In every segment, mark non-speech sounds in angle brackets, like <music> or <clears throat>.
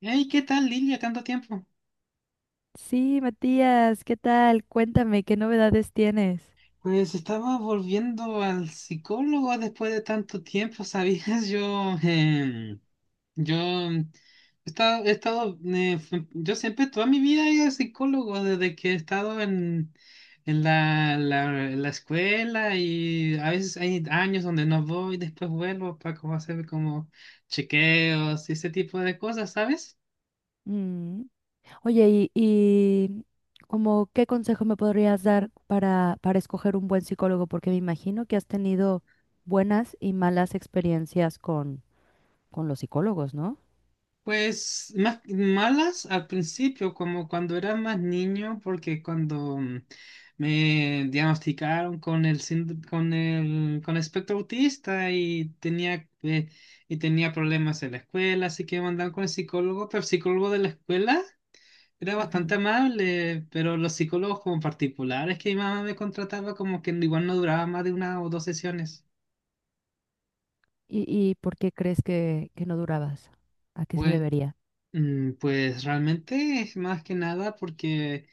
Hey, ¿qué tal, Lilia? ¿Tanto tiempo? Sí, Matías, ¿qué tal? Cuéntame, ¿qué novedades tienes? Pues estaba volviendo al psicólogo después de tanto tiempo, <laughs> ¿sabías? Yo he estado, f- yo siempre toda mi vida he ido al psicólogo desde que he estado en, en la escuela y a veces hay años donde no voy, después vuelvo para como hacer como chequeos y ese tipo de cosas, ¿sabes? Mm. Oye, y como qué consejo me podrías dar para escoger un buen psicólogo, porque me imagino que has tenido buenas y malas experiencias con los psicólogos, ¿no? Pues más malas al principio, como cuando era más niño, porque cuando me diagnosticaron con el con espectro autista y tenía problemas en la escuela, así que me mandaron con el psicólogo, pero el psicólogo de la escuela era bastante Ujú. amable, pero los psicólogos como particulares que mi mamá me contrataba como que igual no duraba más de una o dos sesiones. ¿Y, y por qué crees que no durabas? ¿A qué se Pues, debería? Pues realmente es más que nada porque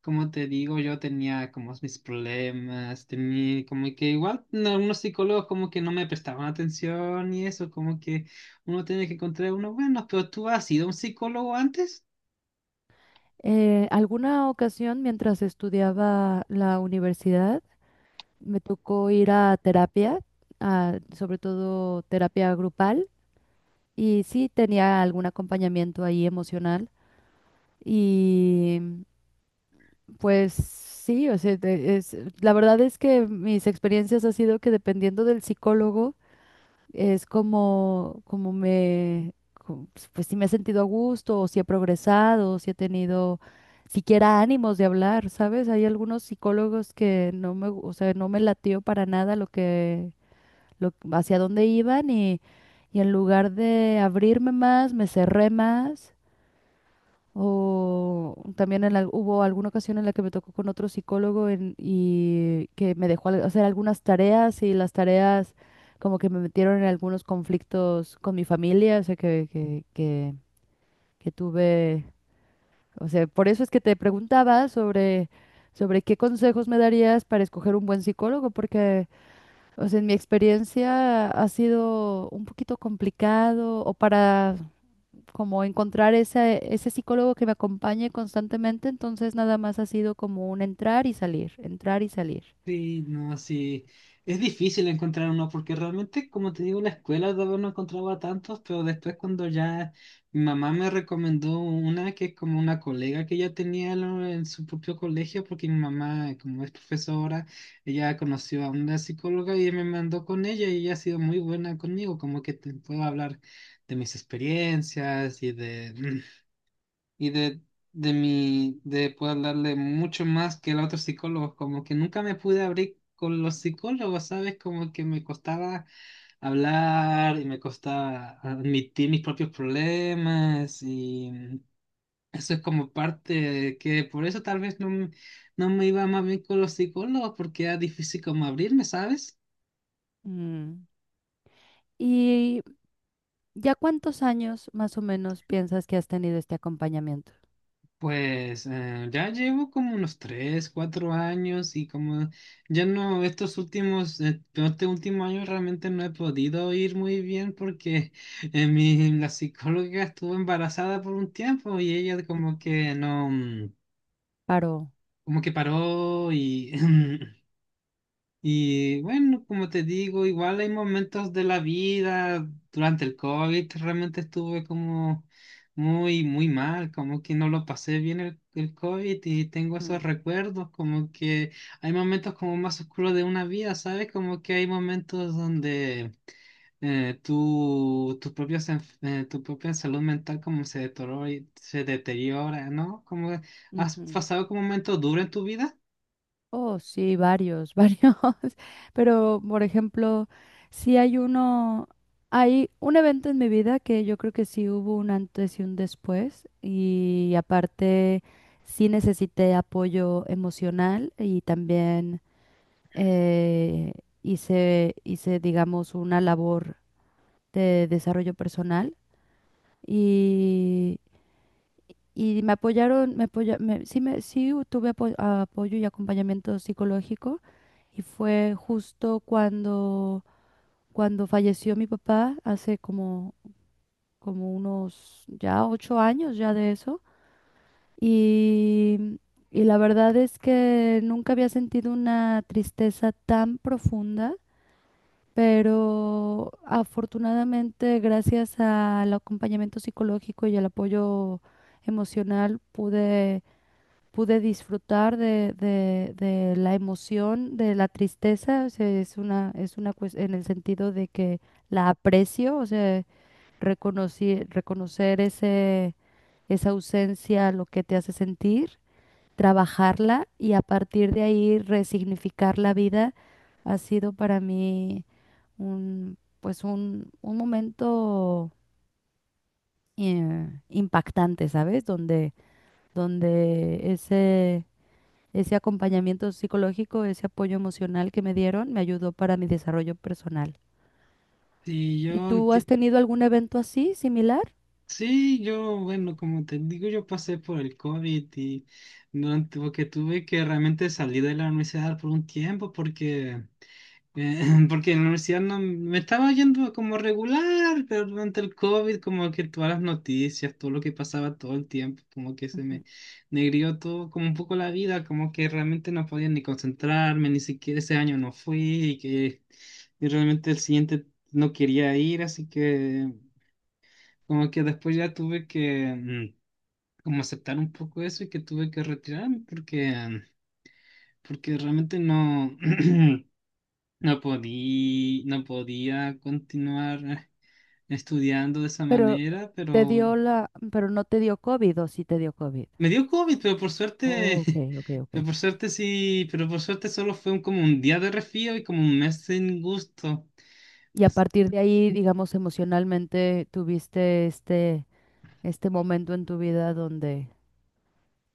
como te digo, yo tenía como mis problemas, tenía como que igual no, algunos psicólogos como que no me prestaban atención y eso, como que uno tiene que encontrar uno bueno, pero ¿tú has sido un psicólogo antes? Alguna ocasión mientras estudiaba la universidad, me tocó ir a terapia, sobre todo terapia grupal, y sí tenía algún acompañamiento ahí emocional. Y pues sí, o sea, es, la verdad es que mis experiencias ha sido que dependiendo del psicólogo, es como, como me, pues si me he sentido a gusto, o si he progresado, o si he tenido siquiera ánimos de hablar, ¿sabes? Hay algunos psicólogos que no me, o sea, no me latió para nada lo que hacia dónde iban y en lugar de abrirme más, me cerré más. O también en hubo alguna ocasión en la que me tocó con otro psicólogo y que me dejó hacer algunas tareas y las tareas como que me metieron en algunos conflictos con mi familia, o sea, que tuve, o sea, por eso es que te preguntaba sobre, sobre qué consejos me darías para escoger un buen psicólogo, porque o sea, en mi experiencia ha sido un poquito complicado o para como encontrar ese, ese psicólogo que me acompañe constantemente, entonces nada más ha sido como un entrar y salir, entrar y salir. Sí, no, sí. Es difícil encontrar uno porque realmente, como te digo, en la escuela todavía no encontraba tantos, pero después cuando ya mi mamá me recomendó una que es como una colega que ella tenía en en su propio colegio, porque mi mamá, como es profesora, ella conoció a una psicóloga y me mandó con ella y ella ha sido muy buena conmigo, como que te puedo hablar de mis experiencias y de <clears throat> y de, de poder darle mucho más que el otro psicólogo, como que nunca me pude abrir con los psicólogos, ¿sabes? Como que me costaba hablar y me costaba admitir mis propios problemas y eso es como parte de que por eso tal vez no me iba más bien con los psicólogos porque era difícil como abrirme, ¿sabes? Mm. ¿Y ya cuántos años más o menos piensas que has tenido este acompañamiento? Pues ya llevo como unos 3 4 años y como ya no, estos últimos, este último año realmente no he podido ir muy bien porque la psicóloga estuvo embarazada por un tiempo y ella como que no, mm, Paro. como que paró y <laughs> Y bueno, como te digo, igual hay momentos de la vida, durante el COVID realmente estuve como muy, muy mal, como que no lo pasé bien el COVID y tengo esos Ujú, recuerdos, como que hay momentos como más oscuros de una vida, ¿sabes? Como que hay momentos donde eh, tu, tu, propia, tu propia salud mental como se deteriora, se deteriora, ¿no? Como has ujú. pasado como momentos duros en tu vida. Oh, sí, varios, <laughs> varios. Pero, por ejemplo, si hay uno, hay un evento en mi vida que yo creo que sí hubo un antes y un después. Y aparte, sí necesité apoyo emocional y también eh, hice, digamos, una labor de desarrollo personal. y y me apoyaron, sí, me, sí tuve apoyo y acompañamiento psicológico y fue justo cuando, cuando falleció mi papá, hace como, como unos ya 8 años ya de eso. Y, y la verdad es que nunca había sentido una tristeza tan profunda, pero afortunadamente gracias al acompañamiento psicológico y al apoyo emocional pude disfrutar de, de la emoción, de la tristeza, o sea, es una en el sentido de que la aprecio, o sea, reconocer ese, esa ausencia, lo que te hace sentir, trabajarla y a partir de ahí resignificar la vida ha sido para mí un, pues un momento impactante, ¿sabes? Donde, donde ese ese acompañamiento psicológico, ese apoyo emocional que me dieron, me ayudó para mi desarrollo personal. Y yo ¿Y tú has enti- tenido algún evento así, similar? Sí, yo, bueno, como te digo, yo pasé por el COVID y durante, porque tuve que realmente salir de la universidad por un tiempo porque, eh, <laughs> porque en la universidad no, me estaba yendo como regular, pero durante el COVID como que todas las noticias, todo lo que pasaba todo el tiempo, como que se me Ujú. negrió todo, como un poco la vida, como que realmente no podía ni concentrarme, ni siquiera ese año no fui y realmente el siguiente no quería ir, así que... Como que después ya tuve que como aceptar un poco eso y que tuve que retirarme porque, porque realmente no, <clears throat> no podía continuar estudiando de esa Pero manera, te pero dio pero no te dio COVID o sí te dio COVID. me dio COVID, pero por Oh, ok, suerte, ok, <laughs> pero ok. por suerte sí, pero por suerte solo fue como un día de resfrío y como un mes sin gusto. Y a As- partir de ahí, digamos, emocionalmente tuviste este, este momento en tu vida donde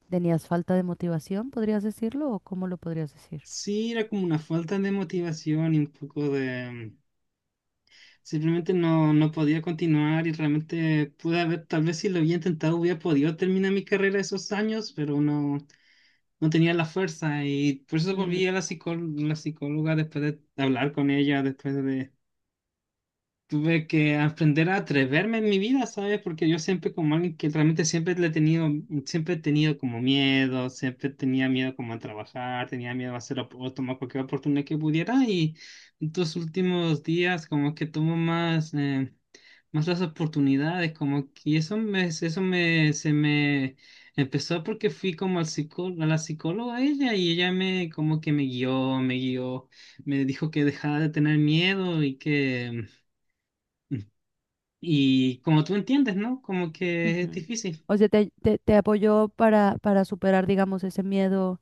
tenías falta de motivación, ¿podrías decirlo? ¿O cómo lo podrías decir? Sí, era como una falta de motivación y un poco de... Simplemente no podía continuar y realmente pude haber, tal vez si lo había intentado, hubiera podido terminar mi carrera esos años, pero no, no tenía la fuerza y por eso Mm, volví a la psicóloga después de hablar con ella, después de, tuve que aprender a atreverme en mi vida, ¿sabes? Porque yo siempre como alguien que realmente siempre he tenido como miedo, siempre tenía miedo como a trabajar, tenía miedo a hacer o tomar cualquier oportunidad que pudiera y en estos últimos días como que tomo más, más las oportunidades, como que y eso me, se me empezó porque fui como al a la psicóloga ella y ella me como que me guió, me guió, me dijo que dejara de tener miedo y que... Y como tú entiendes, ¿no? Como que es ujú. difícil. O sea, te, te apoyó para superar, digamos, ese miedo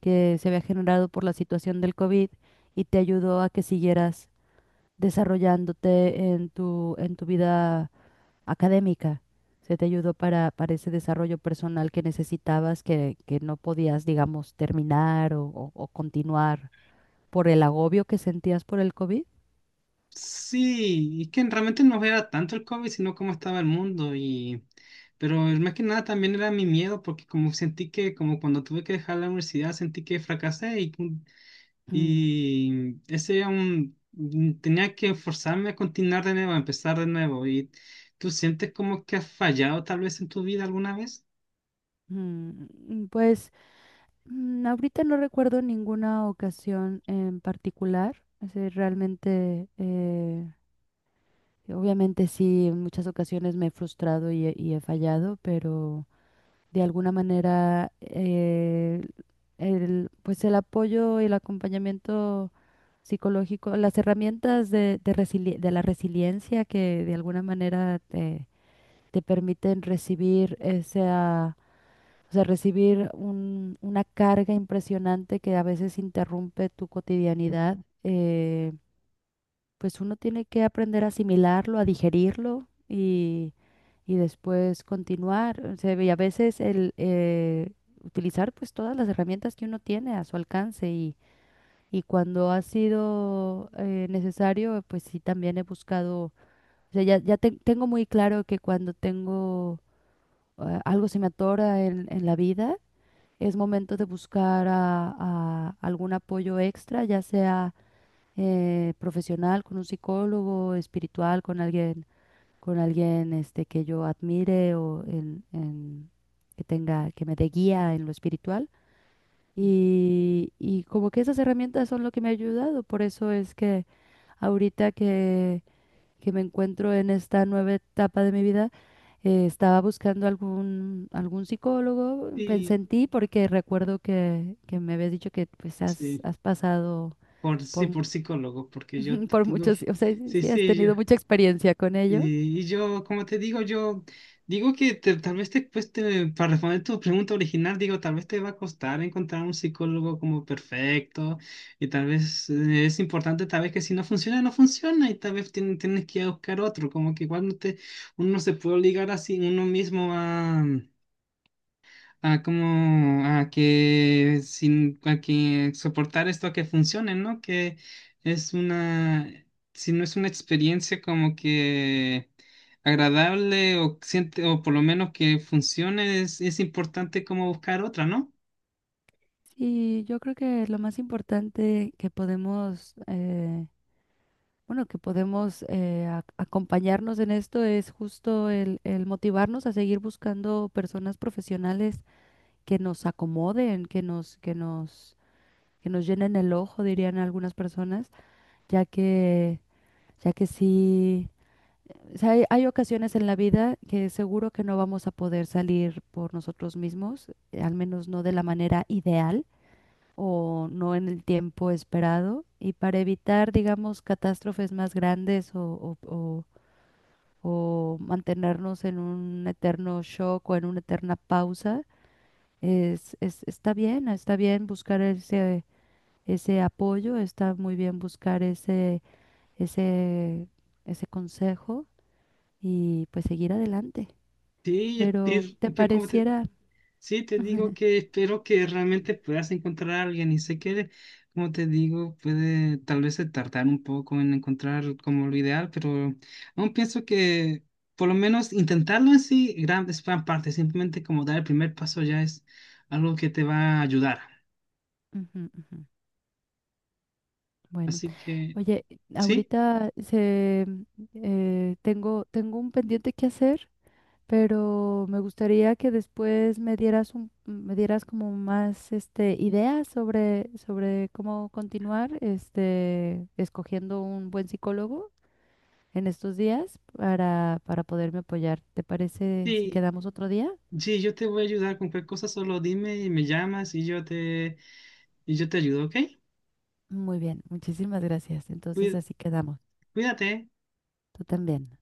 que se había generado por la situación del COVID y te ayudó a que siguieras desarrollándote en tu vida académica. Se te ayudó para ese desarrollo personal que necesitabas, que no podías, digamos, terminar o, o continuar por el agobio que sentías por el COVID. Sí, es que realmente no era tanto el COVID, sino cómo estaba el mundo y... Pero más que nada también era mi miedo, porque como sentí que, como cuando tuve que dejar la universidad, sentí que fracasé Mm, y ese era un... tenía que forzarme a continuar de nuevo, a empezar de nuevo. ¿Y tú sientes como que has fallado tal vez en tu vida alguna vez? mm, pues ahorita no recuerdo ninguna ocasión en particular. Es decir, realmente... obviamente sí, en muchas ocasiones me he frustrado y he fallado, pero de alguna manera el, pues el apoyo y el acompañamiento psicológico, las herramientas de, de la resiliencia que de alguna manera te, te permiten recibir esa, o sea, recibir una carga impresionante que a veces interrumpe tu cotidianidad. eh, pues uno tiene que aprender a asimilarlo, a digerirlo y después continuar. O sea, y a veces el utilizar pues todas las herramientas que uno tiene a su alcance y cuando ha sido necesario, pues sí también he buscado, o sea, ya, ya tengo muy claro que cuando tengo algo se me atora en la vida, es momento de buscar a algún apoyo extra, ya sea profesional, con un psicólogo, espiritual, con alguien este, que yo admire o en, que tenga, que me dé guía en lo espiritual. Y como que esas herramientas son lo que me ha ayudado. Por eso es que ahorita que me encuentro en esta nueva etapa de mi vida, estaba buscando algún, algún psicólogo, pensé Sí, en ti porque recuerdo que me habías dicho que pues has, sí, has pasado por, sí, por por psicólogo, porque yo <laughs> te por digo muchos, que... o sea, sí, Sí, sí has sí, yo. tenido mucha experiencia con ello. Y yo, como te digo, yo digo tal vez te cueste, para responder tu pregunta original, digo, tal vez te va a costar encontrar un psicólogo como perfecto y tal vez es importante, tal vez que si no funciona, no funciona y tal vez tienes que ir a buscar otro, como que igual no te, uno no se puede obligar así uno mismo a como a que sin a que soportar esto a que funcione, ¿no? Que es una si no es una experiencia como que agradable o siente o por lo menos que funcione es importante como buscar otra, ¿no? Y yo creo que lo más importante que podemos, bueno, que podemos acompañarnos en esto es justo el motivarnos a seguir buscando personas profesionales que nos acomoden, que nos, que nos, que nos llenen el ojo, dirían algunas personas, ya que, ya que sí. O sea, hay ocasiones en la vida que seguro que no vamos a poder salir por nosotros mismos, al menos no de la manera ideal o no en el tiempo esperado. Y para evitar, digamos, catástrofes más grandes o, o mantenernos en un eterno shock o en una eterna pausa, es, está bien buscar ese, ese apoyo, está muy bien buscar ese, ese, ese consejo y pues seguir adelante. Sí, es, Pero te ¿cómo? pareciera... Sí, te digo que espero que realmente puedas encontrar a alguien y sé que, como te digo, puede tal vez se tardar un poco en encontrar como lo ideal, pero aún pienso que por lo menos intentarlo en sí es gran parte, simplemente como dar el primer paso ya es algo que te va a ayudar. Ujú, ujú. Bueno, Así que, oye, sí, ahorita se, tengo, tengo un pendiente que hacer, pero me gustaría que después me dieras un, me dieras como más este, ideas sobre, sobre cómo continuar este, escogiendo un buen psicólogo en estos días para poderme apoyar. ¿Te parece si sí, quedamos otro día? sí, yo te voy a ayudar con cualquier cosa, solo dime y me llamas y y yo te ayudo, ¿ok? Muy bien, muchísimas gracias. Entonces Cuí- así quedamos. Cuídate. Tú también.